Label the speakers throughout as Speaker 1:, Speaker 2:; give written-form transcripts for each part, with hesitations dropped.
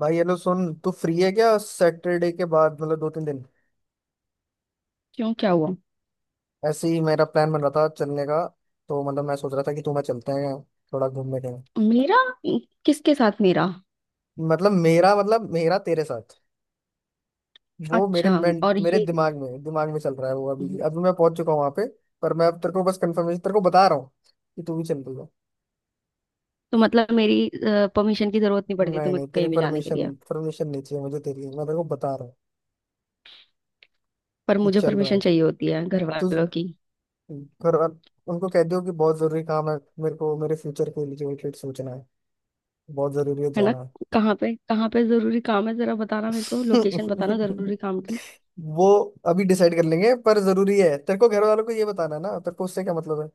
Speaker 1: भाई हेलो सुन, तू फ्री है क्या सैटरडे के बाद? मतलब दो तीन दिन।
Speaker 2: क्यों? क्या हुआ?
Speaker 1: ऐसे ही मेरा प्लान बन रहा था चलने का। तो मैं सोच रहा था कि तू मैं चलते हैं थोड़ा घूमने के।
Speaker 2: मेरा किसके साथ? मेरा?
Speaker 1: मतलब मेरा तेरे साथ। वो
Speaker 2: अच्छा। और
Speaker 1: मेरे
Speaker 2: ये।
Speaker 1: दिमाग में चल रहा है। वो अभी अभी मैं पहुंच चुका हूँ वहां पे। पर मैं अब तेरे को बस कंफर्मेशन तेरे को बता रहा हूँ कि तू भी चल रही है।
Speaker 2: तो मतलब मेरी परमिशन की जरूरत नहीं पड़ती
Speaker 1: नहीं
Speaker 2: तुम्हें
Speaker 1: नहीं, तेरी
Speaker 2: कहीं भी जाने के
Speaker 1: परमिशन
Speaker 2: लिए?
Speaker 1: परमिशन नहीं चाहिए मुझे तेरी, मैं तेरे को बता रहा हूँ
Speaker 2: पर
Speaker 1: कि
Speaker 2: मुझे
Speaker 1: चल रहा
Speaker 2: परमिशन
Speaker 1: है
Speaker 2: चाहिए होती है घर
Speaker 1: तू।
Speaker 2: वालों की।
Speaker 1: घर वाल- उनको कह दियो कि बहुत जरूरी काम है, मेरे को मेरे फ्यूचर के लिए रिलेटेड सोचना है, बहुत जरूरी है
Speaker 2: है ना?
Speaker 1: जाना।
Speaker 2: कहाँ पे जरूरी काम है, जरा बताना, मेरे को लोकेशन बताना जरूरी काम की।
Speaker 1: वो अभी डिसाइड कर लेंगे, पर जरूरी है। तेरे को घर वालों को ये बताना है ना? तेरे को उससे क्या मतलब है?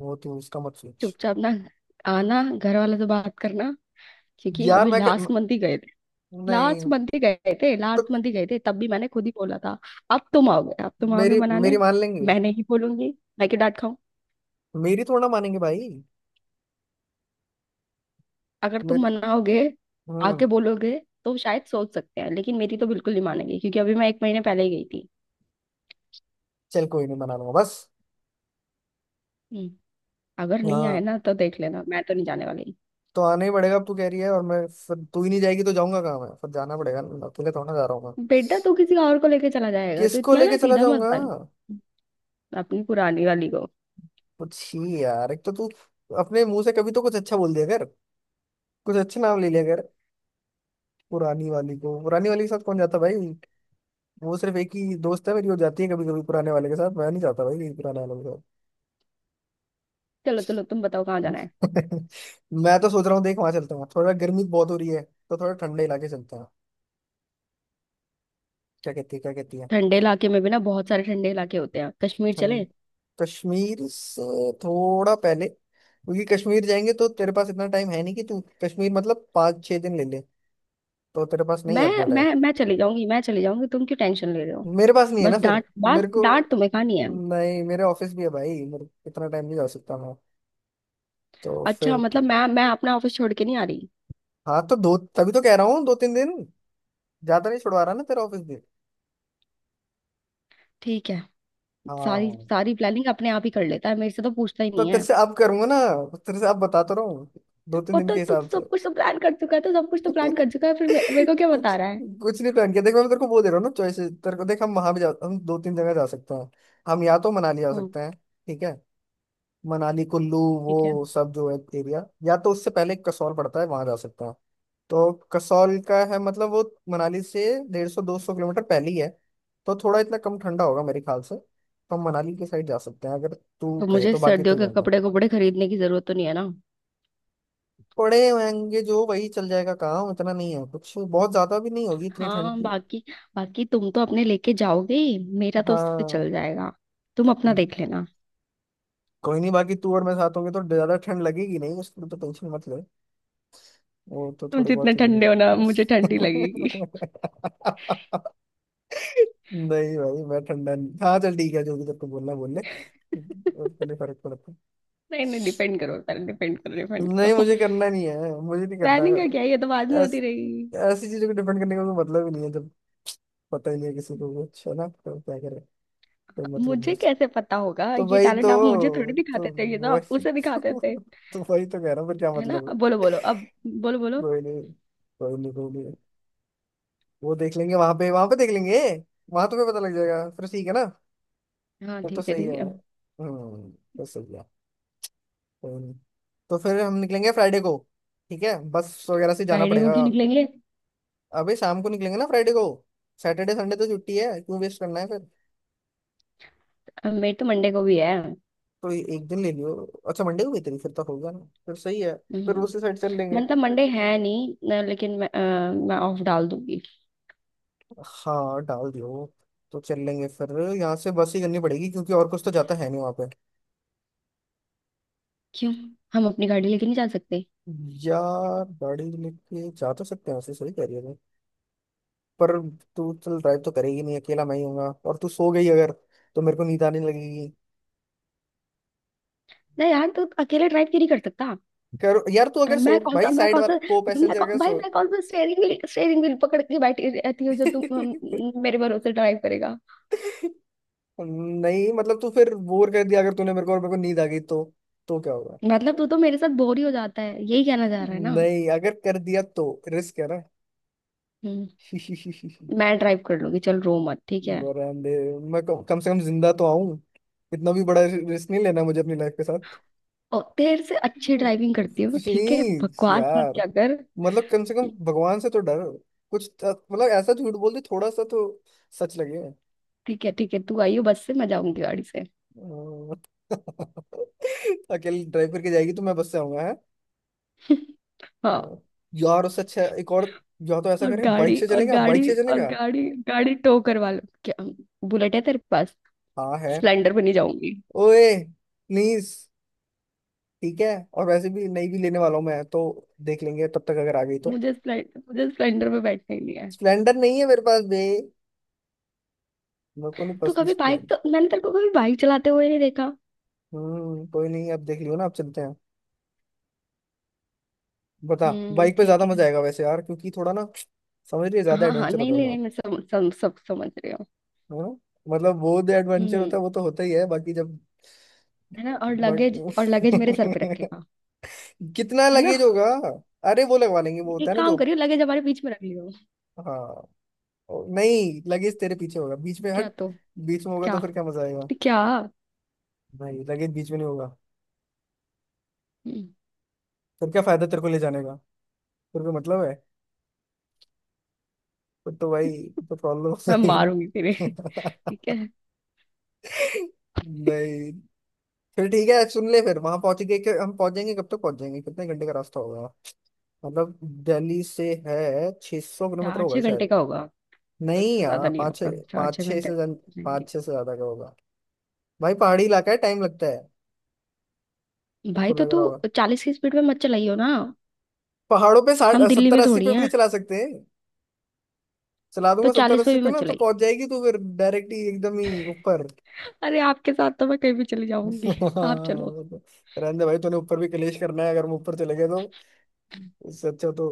Speaker 1: वो तू उसका मत सोच।
Speaker 2: चुपचाप ना आना, घर वालों से बात करना, क्योंकि
Speaker 1: यार
Speaker 2: अभी
Speaker 1: मैं
Speaker 2: लास्ट मंथ ही गए थे।
Speaker 1: नहीं।
Speaker 2: लास्ट मंथ ही गए थे,
Speaker 1: तो
Speaker 2: लास्ट मंथ ही गए थे, तब भी मैंने खुद ही बोला था। अब तुम आओगे, अब तुम आओगे
Speaker 1: मेरी
Speaker 2: मनाने?
Speaker 1: मेरी मान लेंगे।
Speaker 2: मैं नहीं बोलूंगी। मैं क्यों डांट।
Speaker 1: मेरी थोड़ा ना मानेंगे भाई।
Speaker 2: अगर तुम
Speaker 1: मेरी।
Speaker 2: मनाओगे,
Speaker 1: हम्म।
Speaker 2: आके बोलोगे, तो शायद सोच सकते हैं, लेकिन मेरी तो बिल्कुल नहीं मानेगी क्योंकि अभी मैं एक महीने पहले ही गई थी।
Speaker 1: चल कोई नहीं, मना लूंगा बस।
Speaker 2: हम्म। अगर नहीं आए
Speaker 1: हाँ,
Speaker 2: ना तो देख लेना, मैं तो नहीं जाने वाली।
Speaker 1: तो आना ही पड़ेगा अब, तू कह रही है और मैं फिर तू ही नहीं जाएगी तो जाऊंगा कहाँ मैं? फिर जाना पड़ेगा ना, अकेले थोड़ा जा रहा हूँ मैं।
Speaker 2: बेटा तू किसी और को लेके चला जाएगा, तो
Speaker 1: किसको
Speaker 2: इतना ना
Speaker 1: लेके चला
Speaker 2: सीधा मत
Speaker 1: जाऊंगा?
Speaker 2: बन। अपनी पुरानी वाली को।
Speaker 1: कुछ ही यार, एक तो तू अपने मुंह से कभी तो कुछ अच्छा बोल दिया कर, कुछ अच्छी नाम ले लिया कर। पुरानी वाली को, पुरानी वाली के साथ कौन जाता भाई। वो सिर्फ एक ही दोस्त है मेरी, वो जाती है कभी कभी पुराने वाले के साथ, मैं नहीं जाता भाई कहीं पुराने वाले के साथ।
Speaker 2: चलो चलो, तुम बताओ कहाँ जाना है।
Speaker 1: मैं तो सोच रहा हूँ, देख वहां चलता हूँ, थोड़ा गर्मी बहुत हो रही है तो थोड़ा ठंडे इलाके चलते हैं। क्या कहती है क्या कहती है?
Speaker 2: ठंडे इलाके में भी ना बहुत सारे ठंडे इलाके होते हैं। कश्मीर चले?
Speaker 1: ठंड, कश्मीर से थोड़ा पहले, क्योंकि कश्मीर जाएंगे तो तेरे पास इतना टाइम है नहीं कि तू कश्मीर, मतलब पाँच छह दिन ले ले, तो तेरे पास नहीं है
Speaker 2: मैं
Speaker 1: इतना टाइम।
Speaker 2: मैं चली जाऊंगी। तुम क्यों टेंशन ले रहे हो?
Speaker 1: मेरे पास नहीं है ना
Speaker 2: बस
Speaker 1: फिर।
Speaker 2: डांट डांट
Speaker 1: मेरे को
Speaker 2: डांट तुम्हें खानी है।
Speaker 1: नहीं, मेरे ऑफिस भी है भाई, मेरे इतना टाइम नहीं जा सकता तो
Speaker 2: अच्छा
Speaker 1: फिर।
Speaker 2: मतलब मैं अपना ऑफिस छोड़ के नहीं आ रही।
Speaker 1: हाँ तो दो, तभी तो कह रहा हूँ दो तीन दिन, ज्यादा नहीं छुड़वा रहा ना तेरा ऑफिस दिन।
Speaker 2: ठीक है। सारी
Speaker 1: हाँ।
Speaker 2: सारी प्लानिंग अपने आप ही कर लेता है, मेरे से तो पूछता ही
Speaker 1: तो
Speaker 2: नहीं
Speaker 1: तेरे
Speaker 2: है।
Speaker 1: से अब करूंगा ना, तेरे से अब बताता रहूँ दो तीन
Speaker 2: और
Speaker 1: दिन
Speaker 2: तो,
Speaker 1: के
Speaker 2: तो
Speaker 1: हिसाब से।
Speaker 2: सब कुछ तो प्लान कर चुका है, तो सब कुछ तो प्लान कर चुका है, फिर मेरे को क्या बता
Speaker 1: कुछ
Speaker 2: रहा है?
Speaker 1: कुछ नहीं पहन के देख। मैं तेरे को वो दे रहा हूँ ना चॉइसेस, तेरे को देख हम वहां भी जा, हम दो तीन जगह जा सकते हैं। हम या तो मनाली जा
Speaker 2: हम्म।
Speaker 1: सकते हैं, ठीक है, मनाली कुल्लू
Speaker 2: ठीक है।
Speaker 1: वो सब जो है एरिया, या तो उससे पहले कसौल पड़ता है, वहां जा सकते हैं। तो कसौल का है मतलब वो मनाली से डेढ़ सौ दो सौ किलोमीटर पहले ही है, तो थोड़ा इतना कम ठंडा होगा मेरे ख्याल से। तो हम मनाली के साइड जा सकते हैं अगर तू
Speaker 2: तो
Speaker 1: कहे
Speaker 2: मुझे
Speaker 1: तो, बाकी
Speaker 2: सर्दियों
Speaker 1: तू
Speaker 2: के
Speaker 1: बता।
Speaker 2: कपड़े कपड़े खरीदने की जरूरत तो नहीं है ना?
Speaker 1: पड़े होंगे जो वही चल जाएगा काम, इतना नहीं है कुछ बहुत ज्यादा भी नहीं होगी इतनी ठंड
Speaker 2: हाँ
Speaker 1: की।
Speaker 2: बाकी, बाकी तुम तो अपने लेके जाओगे ही, मेरा तो उससे
Speaker 1: हाँ।
Speaker 2: चल जाएगा। तुम अपना देख लेना।
Speaker 1: कोई नहीं, बाकी तू और मैं साथ होंगे तो ज्यादा ठंड लगेगी नहीं, उसकी तो टेंशन मत ले, वो तो
Speaker 2: तुम
Speaker 1: थोड़ी
Speaker 2: जितने
Speaker 1: बहुत ही
Speaker 2: ठंडे हो ना,
Speaker 1: लगेगी।
Speaker 2: मुझे ठंडी लगेगी।
Speaker 1: नहीं भाई मैं ठंडा नहीं। हाँ चल ठीक है, जो भी तेरे को बोलना है बोल ले, उसके लिए फर्क पड़ता
Speaker 2: नहीं नहीं, डिपेंड करो, पहले डिपेंड करो,
Speaker 1: है।
Speaker 2: डिपेंड
Speaker 1: नहीं
Speaker 2: करो।
Speaker 1: मुझे करना नहीं है, मुझे नहीं करना
Speaker 2: प्लानिंग
Speaker 1: है।
Speaker 2: का क्या है, ये तो बाद में होती
Speaker 1: ऐस,
Speaker 2: रहेगी।
Speaker 1: ऐसी चीजों को डिपेंड करने का कोई मतलब ही नहीं है जब पता ही नहीं है किसी को कुछ, है ना, तो क्या करे। कोई मतलब नहीं है
Speaker 2: मुझे
Speaker 1: उसका।
Speaker 2: कैसे पता होगा?
Speaker 1: तो
Speaker 2: ये
Speaker 1: वही
Speaker 2: टैलेंट आप मुझे थोड़ी
Speaker 1: तो तो
Speaker 2: दिखाते थे, ये तो आप
Speaker 1: वही
Speaker 2: उसे
Speaker 1: तो,
Speaker 2: दिखाते थे।
Speaker 1: तो वही तो कह रहा हूँ, फिर क्या
Speaker 2: है ना?
Speaker 1: मतलब
Speaker 2: अब
Speaker 1: है।
Speaker 2: बोलो बोलो अब, बोलो बोलो।
Speaker 1: कोई नहीं, कोई नहीं, कोई नहीं, वो देख लेंगे वहां पे देख लेंगे। वहां तुम्हें पता लग जाएगा फिर, ठीक है ना।
Speaker 2: हाँ
Speaker 1: वो तो
Speaker 2: ठीक है,
Speaker 1: सही है।
Speaker 2: ठीक है।
Speaker 1: हम्म, तो सही है। हम्म, तो फिर हम निकलेंगे फ्राइडे को, ठीक है, बस वगैरह से जाना
Speaker 2: फ्राइडे को
Speaker 1: पड़ेगा।
Speaker 2: क्यों निकलेंगे?
Speaker 1: अबे शाम को निकलेंगे ना फ्राइडे को, सैटरडे संडे तो छुट्टी है, क्यों वेस्ट करना है फिर।
Speaker 2: अब मेरे तो मंडे को भी है।
Speaker 1: तो ये एक दिन ले लियो। अच्छा मंडे को भी तेरी, फिर तो होगा ना, फिर सही है, फिर
Speaker 2: हम्म।
Speaker 1: उसी साइड चल लेंगे।
Speaker 2: मतलब मंडे है नहीं न, लेकिन मैं ऑफ डाल दूंगी।
Speaker 1: हाँ डाल दियो, तो चल लेंगे फिर। यहाँ से बस ही करनी पड़ेगी क्योंकि और कुछ तो जाता है नहीं वहां पे।
Speaker 2: क्यों? हम अपनी गाड़ी लेके नहीं जा सकते?
Speaker 1: यार गाड़ी लेके जा तो सकते हैं वैसे, सही कह रही है, पर तू चल ड्राइव तो करेगी नहीं, अकेला मैं ही हूँगा और तू सो गई अगर तो मेरे को नींद आने लगेगी।
Speaker 2: नहीं यार, तू अकेले ड्राइव क्यों नहीं कर सकता?
Speaker 1: कर यार तू अगर सो,
Speaker 2: मैं कौन सा
Speaker 1: भाई
Speaker 2: मैं
Speaker 1: साइड
Speaker 2: कौन सा
Speaker 1: वाला को
Speaker 2: मैं
Speaker 1: पैसेंजर
Speaker 2: कौ,
Speaker 1: अगर
Speaker 2: भाई
Speaker 1: सो।
Speaker 2: मैं कौन सा स्टेयरिंग व्हील, स्टेयरिंग व्हील पकड़ के बैठी रहती हूँ जो तू मेरे भरोसे ड्राइव करेगा?
Speaker 1: नहीं मतलब तू फिर बोर कर दिया अगर तूने मेरे को और मेरे को नींद आ गई तो क्या होगा।
Speaker 2: मतलब तू तो मेरे साथ बोर ही हो जाता है, यही कहना चाह रहा है ना?
Speaker 1: नहीं अगर कर दिया तो रिस्क है ना।
Speaker 2: हम्म। मैं ड्राइव कर लूंगी, चल रो मत, ठीक है?
Speaker 1: बरामदे। मैं कम से कम जिंदा तो आऊं, इतना भी बड़ा रिस्क नहीं लेना मुझे अपनी लाइफ के साथ।
Speaker 2: और तेरे से अच्छी ड्राइविंग करती है वो, ठीक है
Speaker 1: प्लीज
Speaker 2: बकवास मत
Speaker 1: यार,
Speaker 2: क्या कर।
Speaker 1: मतलब कम से कम भगवान से तो डरो। मतलब ऐसा झूठ बोल दे थोड़ा सा तो सच लगे।
Speaker 2: ठीक है ठीक है, तू आई हो बस से, मैं जाऊंगी गाड़ी से।
Speaker 1: अह, अकेले ड्राइव करके जाएगी तो मैं बस से आऊंगा है।
Speaker 2: हाँ।
Speaker 1: अह, यार उससे अच्छा एक और, या तो ऐसा
Speaker 2: और
Speaker 1: करें बाइक
Speaker 2: गाड़ी,
Speaker 1: से
Speaker 2: और
Speaker 1: चलेगा, बाइक
Speaker 2: गाड़ी,
Speaker 1: से
Speaker 2: और
Speaker 1: चलेगा।
Speaker 2: गाड़ी, गाड़ी टो करवा लो क्या? बुलेट है तेरे पास?
Speaker 1: हाँ है।
Speaker 2: स्प्लेंडर पे नहीं जाऊंगी।
Speaker 1: ओए प्लीज, ठीक है। और वैसे भी नहीं भी लेने वाला हूँ मैं तो, देख लेंगे तब तक अगर आ गई तो।
Speaker 2: मुझे स्प्लेंडर पे बैठना ही नहीं है।
Speaker 1: स्प्लेंडर नहीं है मेरे पास बे, मेरे को नहीं
Speaker 2: तो
Speaker 1: पसंद
Speaker 2: कभी बाइक,
Speaker 1: स्प्लेंडर।
Speaker 2: तो मैंने तेरे को कभी बाइक चलाते हुए नहीं देखा।
Speaker 1: कोई नहीं, अब देख लियो ना, अब चलते हैं। बता बाइक पे
Speaker 2: ठीक
Speaker 1: ज्यादा
Speaker 2: है।
Speaker 1: मजा आएगा वैसे यार, क्योंकि थोड़ा ना समझ रही है, ज्यादा
Speaker 2: हाँ हाँ,
Speaker 1: एडवेंचर
Speaker 2: नहीं
Speaker 1: होता है
Speaker 2: नहीं
Speaker 1: वहाँ,
Speaker 2: नहीं, मैं सम, सम, सब समझ रही हूँ।
Speaker 1: है ना, मतलब वो जो एडवेंचर
Speaker 2: हम्म।
Speaker 1: होता है वो तो होता ही है बाकी जब।
Speaker 2: है ना, और
Speaker 1: बट
Speaker 2: लगेज, और लगेज मेरे सर पे रखेगा?
Speaker 1: कितना
Speaker 2: है ना।
Speaker 1: लगेज होगा। अरे वो लगवा लेंगे, वो होता है
Speaker 2: एक
Speaker 1: ना
Speaker 2: काम
Speaker 1: जो।
Speaker 2: करियो, लगेज हमारे बीच में रख लियो।
Speaker 1: हाँ। नहीं लगेज तेरे पीछे होगा, बीच में
Speaker 2: क्या
Speaker 1: हट।
Speaker 2: तो?
Speaker 1: बीच में होगा
Speaker 2: क्या
Speaker 1: तो फिर क्या मजा आएगा।
Speaker 2: तो? क्या?
Speaker 1: नहीं लगेज बीच में नहीं होगा,
Speaker 2: हम्म।
Speaker 1: फिर क्या फायदा तेरे को ले जाने का, फिर कोई मतलब है, फिर तो भाई तो प्रॉब्लम हो
Speaker 2: मैं
Speaker 1: जाएगी ना।
Speaker 2: मारूंगी तेरे। ठीक है।
Speaker 1: नहीं, फिर ठीक है सुन ले, फिर वहां पहुंच गए कि हम पहुंच जाएंगे कब तक, पहुंच जाएंगे कितने घंटे का रास्ता होगा मतलब, दिल्ली से है 600 सौ किलोमीटर
Speaker 2: चार
Speaker 1: होगा
Speaker 2: छह घंटे
Speaker 1: शायद।
Speaker 2: का होगा। बस
Speaker 1: नहीं
Speaker 2: से
Speaker 1: यार
Speaker 2: ज्यादा नहीं होगा, चार
Speaker 1: पाँच
Speaker 2: छह
Speaker 1: छः
Speaker 2: घंटे
Speaker 1: से जन
Speaker 2: हो जाएंगे।
Speaker 1: पाँच छः से ज्यादा का होगा। भाई पहाड़ी इलाका है, टाइम लगता है,
Speaker 2: भाई
Speaker 1: सबको
Speaker 2: तो
Speaker 1: लग
Speaker 2: तू
Speaker 1: रहा होगा।
Speaker 2: 40 की स्पीड में मत चलाइयो ना।
Speaker 1: पहाड़ों पे साठ
Speaker 2: हम दिल्ली
Speaker 1: सत्तर
Speaker 2: में
Speaker 1: अस्सी
Speaker 2: थोड़ी
Speaker 1: पे भी
Speaker 2: हैं।
Speaker 1: नहीं चला सकते हैं। चला
Speaker 2: तो
Speaker 1: दूंगा सत्तर
Speaker 2: 40 पे
Speaker 1: अस्सी
Speaker 2: भी
Speaker 1: पे
Speaker 2: मत
Speaker 1: ना तो
Speaker 2: चलाइए।
Speaker 1: पहुंच जाएगी तो फिर डायरेक्ट ही एकदम ही ऊपर।
Speaker 2: अरे आपके साथ तो मैं कहीं भी चली जाऊंगी। आप चलो।
Speaker 1: रहने दे भाई, तूने ऊपर भी कलेश करना है अगर हम ऊपर चले गए तो। इससे अच्छा तो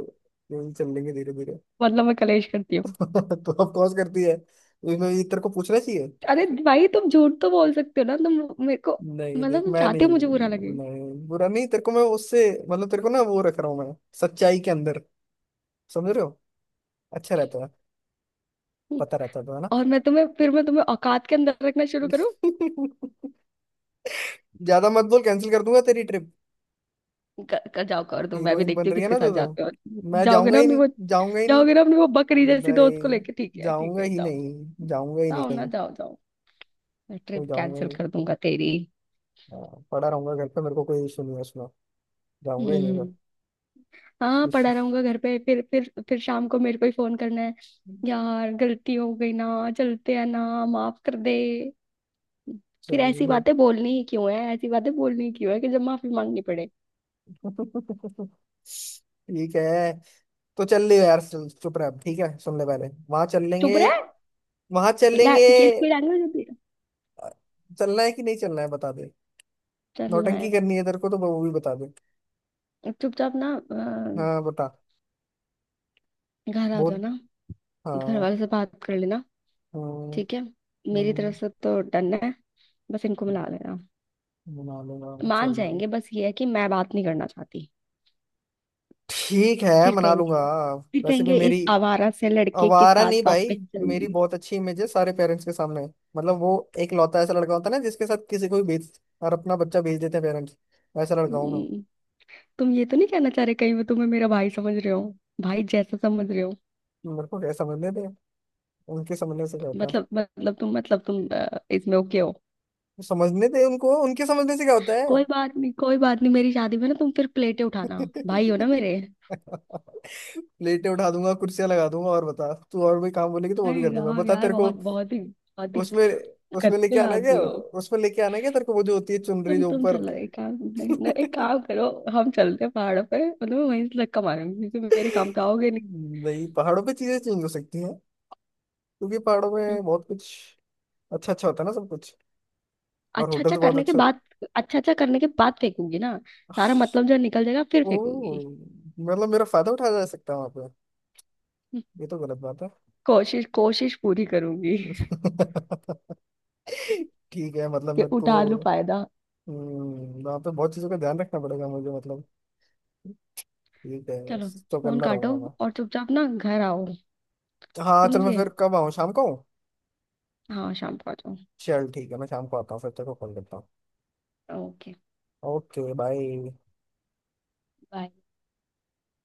Speaker 1: यूं ही चल लेंगे धीरे धीरे।
Speaker 2: मतलब मैं कलेश करती हूँ?
Speaker 1: तो ऑफ कोर्स करती है, इसमें ये तेरे को पूछना चाहिए।
Speaker 2: अरे भाई, तुम झूठ तो बोल सकते हो ना तुम मेरे को।
Speaker 1: नहीं
Speaker 2: मतलब
Speaker 1: देख
Speaker 2: तुम
Speaker 1: मैं नहीं,
Speaker 2: चाहते हो मुझे बुरा लगे?
Speaker 1: नहीं बुरा नहीं तेरे को मैं, उससे मतलब तेरे को ना वो रख रहा हूँ मैं सच्चाई के अंदर। समझ रहे हो, अच्छा रहता है, पता रहता है तो है ना।
Speaker 2: और मैं तुम्हें, फिर मैं तुम्हें औकात के अंदर रखना शुरू करूँ?
Speaker 1: ज्यादा मत बोल, कैंसिल कर दूंगा तेरी ट्रिप।
Speaker 2: कर जाओ, कर दो, मैं भी
Speaker 1: हीरोइन बन
Speaker 2: देखती हूँ
Speaker 1: रही है
Speaker 2: किसके
Speaker 1: ना
Speaker 2: साथ
Speaker 1: जो तो
Speaker 2: जाते हो।
Speaker 1: मैं
Speaker 2: जाओगे
Speaker 1: जाऊंगा
Speaker 2: ना
Speaker 1: ही
Speaker 2: अपने
Speaker 1: नहीं,
Speaker 2: वो,
Speaker 1: जाऊंगा ही नहीं।
Speaker 2: जाओगे ना अपने वो बकरी जैसी दोस्त को
Speaker 1: नहीं
Speaker 2: लेके, ठीक है ठीक
Speaker 1: जाऊंगा
Speaker 2: है,
Speaker 1: ही
Speaker 2: जाओ
Speaker 1: नहीं,
Speaker 2: जाओ।
Speaker 1: जाऊंगा ही नहीं
Speaker 2: जाओ ना,
Speaker 1: कहीं।
Speaker 2: जाओ जाओ। मैं
Speaker 1: तो
Speaker 2: ट्रिप
Speaker 1: जाऊंगा ही
Speaker 2: कैंसिल
Speaker 1: नहीं।
Speaker 2: कर दूंगा तेरी।
Speaker 1: हाँ, पड़ा रहूंगा घर पे, मेरे को कोई इशू नहीं है उसमें, जाऊंगा ही नहीं घर।
Speaker 2: हम्म। हाँ पड़ा रहूंगा घर पे, फिर फिर शाम को मेरे को ही फोन करना है, यार गलती हो गई ना, चलते हैं ना, माफ कर दे। फिर ऐसी
Speaker 1: चलो
Speaker 2: बातें बोलनी ही क्यों है, ऐसी बातें बोलनी ही क्यों है कि जब माफी मांगनी पड़े?
Speaker 1: ठीक है, तो चल ले यार, चुप रह अब, ठीक है सुन ले, पहले वहां चल लेंगे,
Speaker 2: चुप रहा है?
Speaker 1: वहां चल लेंगे।
Speaker 2: ये कोई लैंग्वेज होती है?
Speaker 1: चलना है कि नहीं चलना है बता दे,
Speaker 2: चलना
Speaker 1: नौटंकी
Speaker 2: है।
Speaker 1: करनी है तेरे को तो वो भी बता दे।
Speaker 2: चुपचाप ना
Speaker 1: हाँ बता।
Speaker 2: घर आ
Speaker 1: बहुत।
Speaker 2: जाना, घर
Speaker 1: हाँ।
Speaker 2: वाले से बात कर लेना,
Speaker 1: हम्म,
Speaker 2: ठीक है। मेरी
Speaker 1: हम्म,
Speaker 2: तरफ से तो डन है, बस इनको मिला लेना,
Speaker 1: मना लूंगा
Speaker 2: मान
Speaker 1: चलिए।
Speaker 2: जाएंगे, बस ये है कि मैं बात नहीं करना चाहती।
Speaker 1: ठीक है
Speaker 2: फिर
Speaker 1: मना लूंगा।
Speaker 2: कहेंगे, फिर
Speaker 1: वैसे भी
Speaker 2: कहेंगे
Speaker 1: मेरी,
Speaker 2: इस आवारा से लड़के के
Speaker 1: आवारा
Speaker 2: साथ
Speaker 1: नहीं भाई,
Speaker 2: वापस चल
Speaker 1: मेरी
Speaker 2: गई।
Speaker 1: बहुत अच्छी इमेज है सारे पेरेंट्स के सामने। मतलब वो एक लौता ऐसा लड़का होता है ना जिसके साथ किसी को भी भेज, और अपना बच्चा भेज देते हैं पेरेंट्स, वैसा लड़का हूँ मैं।
Speaker 2: हम्म। तुम ये तो नहीं कहना चाह रहे कहीं, वो तुम्हें मेरा भाई समझ रहे हो? भाई जैसा समझ रहे हो?
Speaker 1: मेरे को क्या समझने दे, उनके समझने से क्या होता है।
Speaker 2: मतलब तुम इसमें ओके हो?
Speaker 1: समझने दे उनको, उनके समझने से क्या होता है।
Speaker 2: कोई बात नहीं, कोई बात नहीं, मेरी शादी में ना तुम फिर प्लेटें उठाना। भाई हो ना मेरे।
Speaker 1: प्लेटें उठा दूंगा, कुर्सियां लगा दूंगा, और बता तू, और भी काम बोलेगी तो वो भी
Speaker 2: अरे
Speaker 1: कर दूंगा
Speaker 2: यार
Speaker 1: बता
Speaker 2: यार,
Speaker 1: तेरे को।
Speaker 2: बहुत बहुत ही, बहुत ही
Speaker 1: उसमें, उसमें लेके
Speaker 2: गंदे
Speaker 1: आना है
Speaker 2: आदमी
Speaker 1: क्या,
Speaker 2: हो।
Speaker 1: उसमें लेके आना है क्या तेरे को वो जो होती है चुनरी
Speaker 2: तुम
Speaker 1: जो
Speaker 2: तुम
Speaker 1: ऊपर।
Speaker 2: चलो एक काम, नहीं, नहीं, एक काम करो। हम चलते हैं पहाड़ों पे, मतलब मैं वहीं से धक्का मारूंगी क्योंकि मेरे काम तो आओगे नहीं।
Speaker 1: नहीं पहाड़ों पे चीजें चेंज हो सकती हैं क्योंकि पहाड़ों
Speaker 2: हम्म।
Speaker 1: में बहुत कुछ अच्छा अच्छा होता है ना सब कुछ, और
Speaker 2: अच्छा अच्छा
Speaker 1: होटल्स बहुत
Speaker 2: करने के
Speaker 1: अच्छे होते
Speaker 2: बाद। अच्छा अच्छा करने के बाद फेंकूंगी ना? सारा
Speaker 1: हैं।
Speaker 2: मतलब जो निकल जाएगा फिर फेंकूंगी।
Speaker 1: ओह, मतलब मेरा फायदा उठाया जा सकता है वहां पे,
Speaker 2: हम्म।
Speaker 1: ये तो गलत बात है।
Speaker 2: कोशिश कोशिश पूरी करूंगी
Speaker 1: ठीक है मतलब
Speaker 2: कि
Speaker 1: मेरे को,
Speaker 2: उठा लूं फायदा।
Speaker 1: वहाँ पे बहुत चीज़ों का ध्यान रखना पड़ेगा मुझे मतलब। ठीक है,
Speaker 2: चलो,
Speaker 1: तो
Speaker 2: फोन
Speaker 1: करना
Speaker 2: काटो,
Speaker 1: रहूंगा मैं।
Speaker 2: और चुपचाप ना घर आओ।
Speaker 1: हाँ चल,
Speaker 2: समझ
Speaker 1: मैं
Speaker 2: गए?
Speaker 1: फिर कब आऊँ, शाम को आऊँ?
Speaker 2: हाँ शाम को आ जाओ।
Speaker 1: चल ठीक है, मैं शाम को आता हूँ, फिर तेरे को कॉल करता हूँ।
Speaker 2: Okay
Speaker 1: okay bye.
Speaker 2: बाय।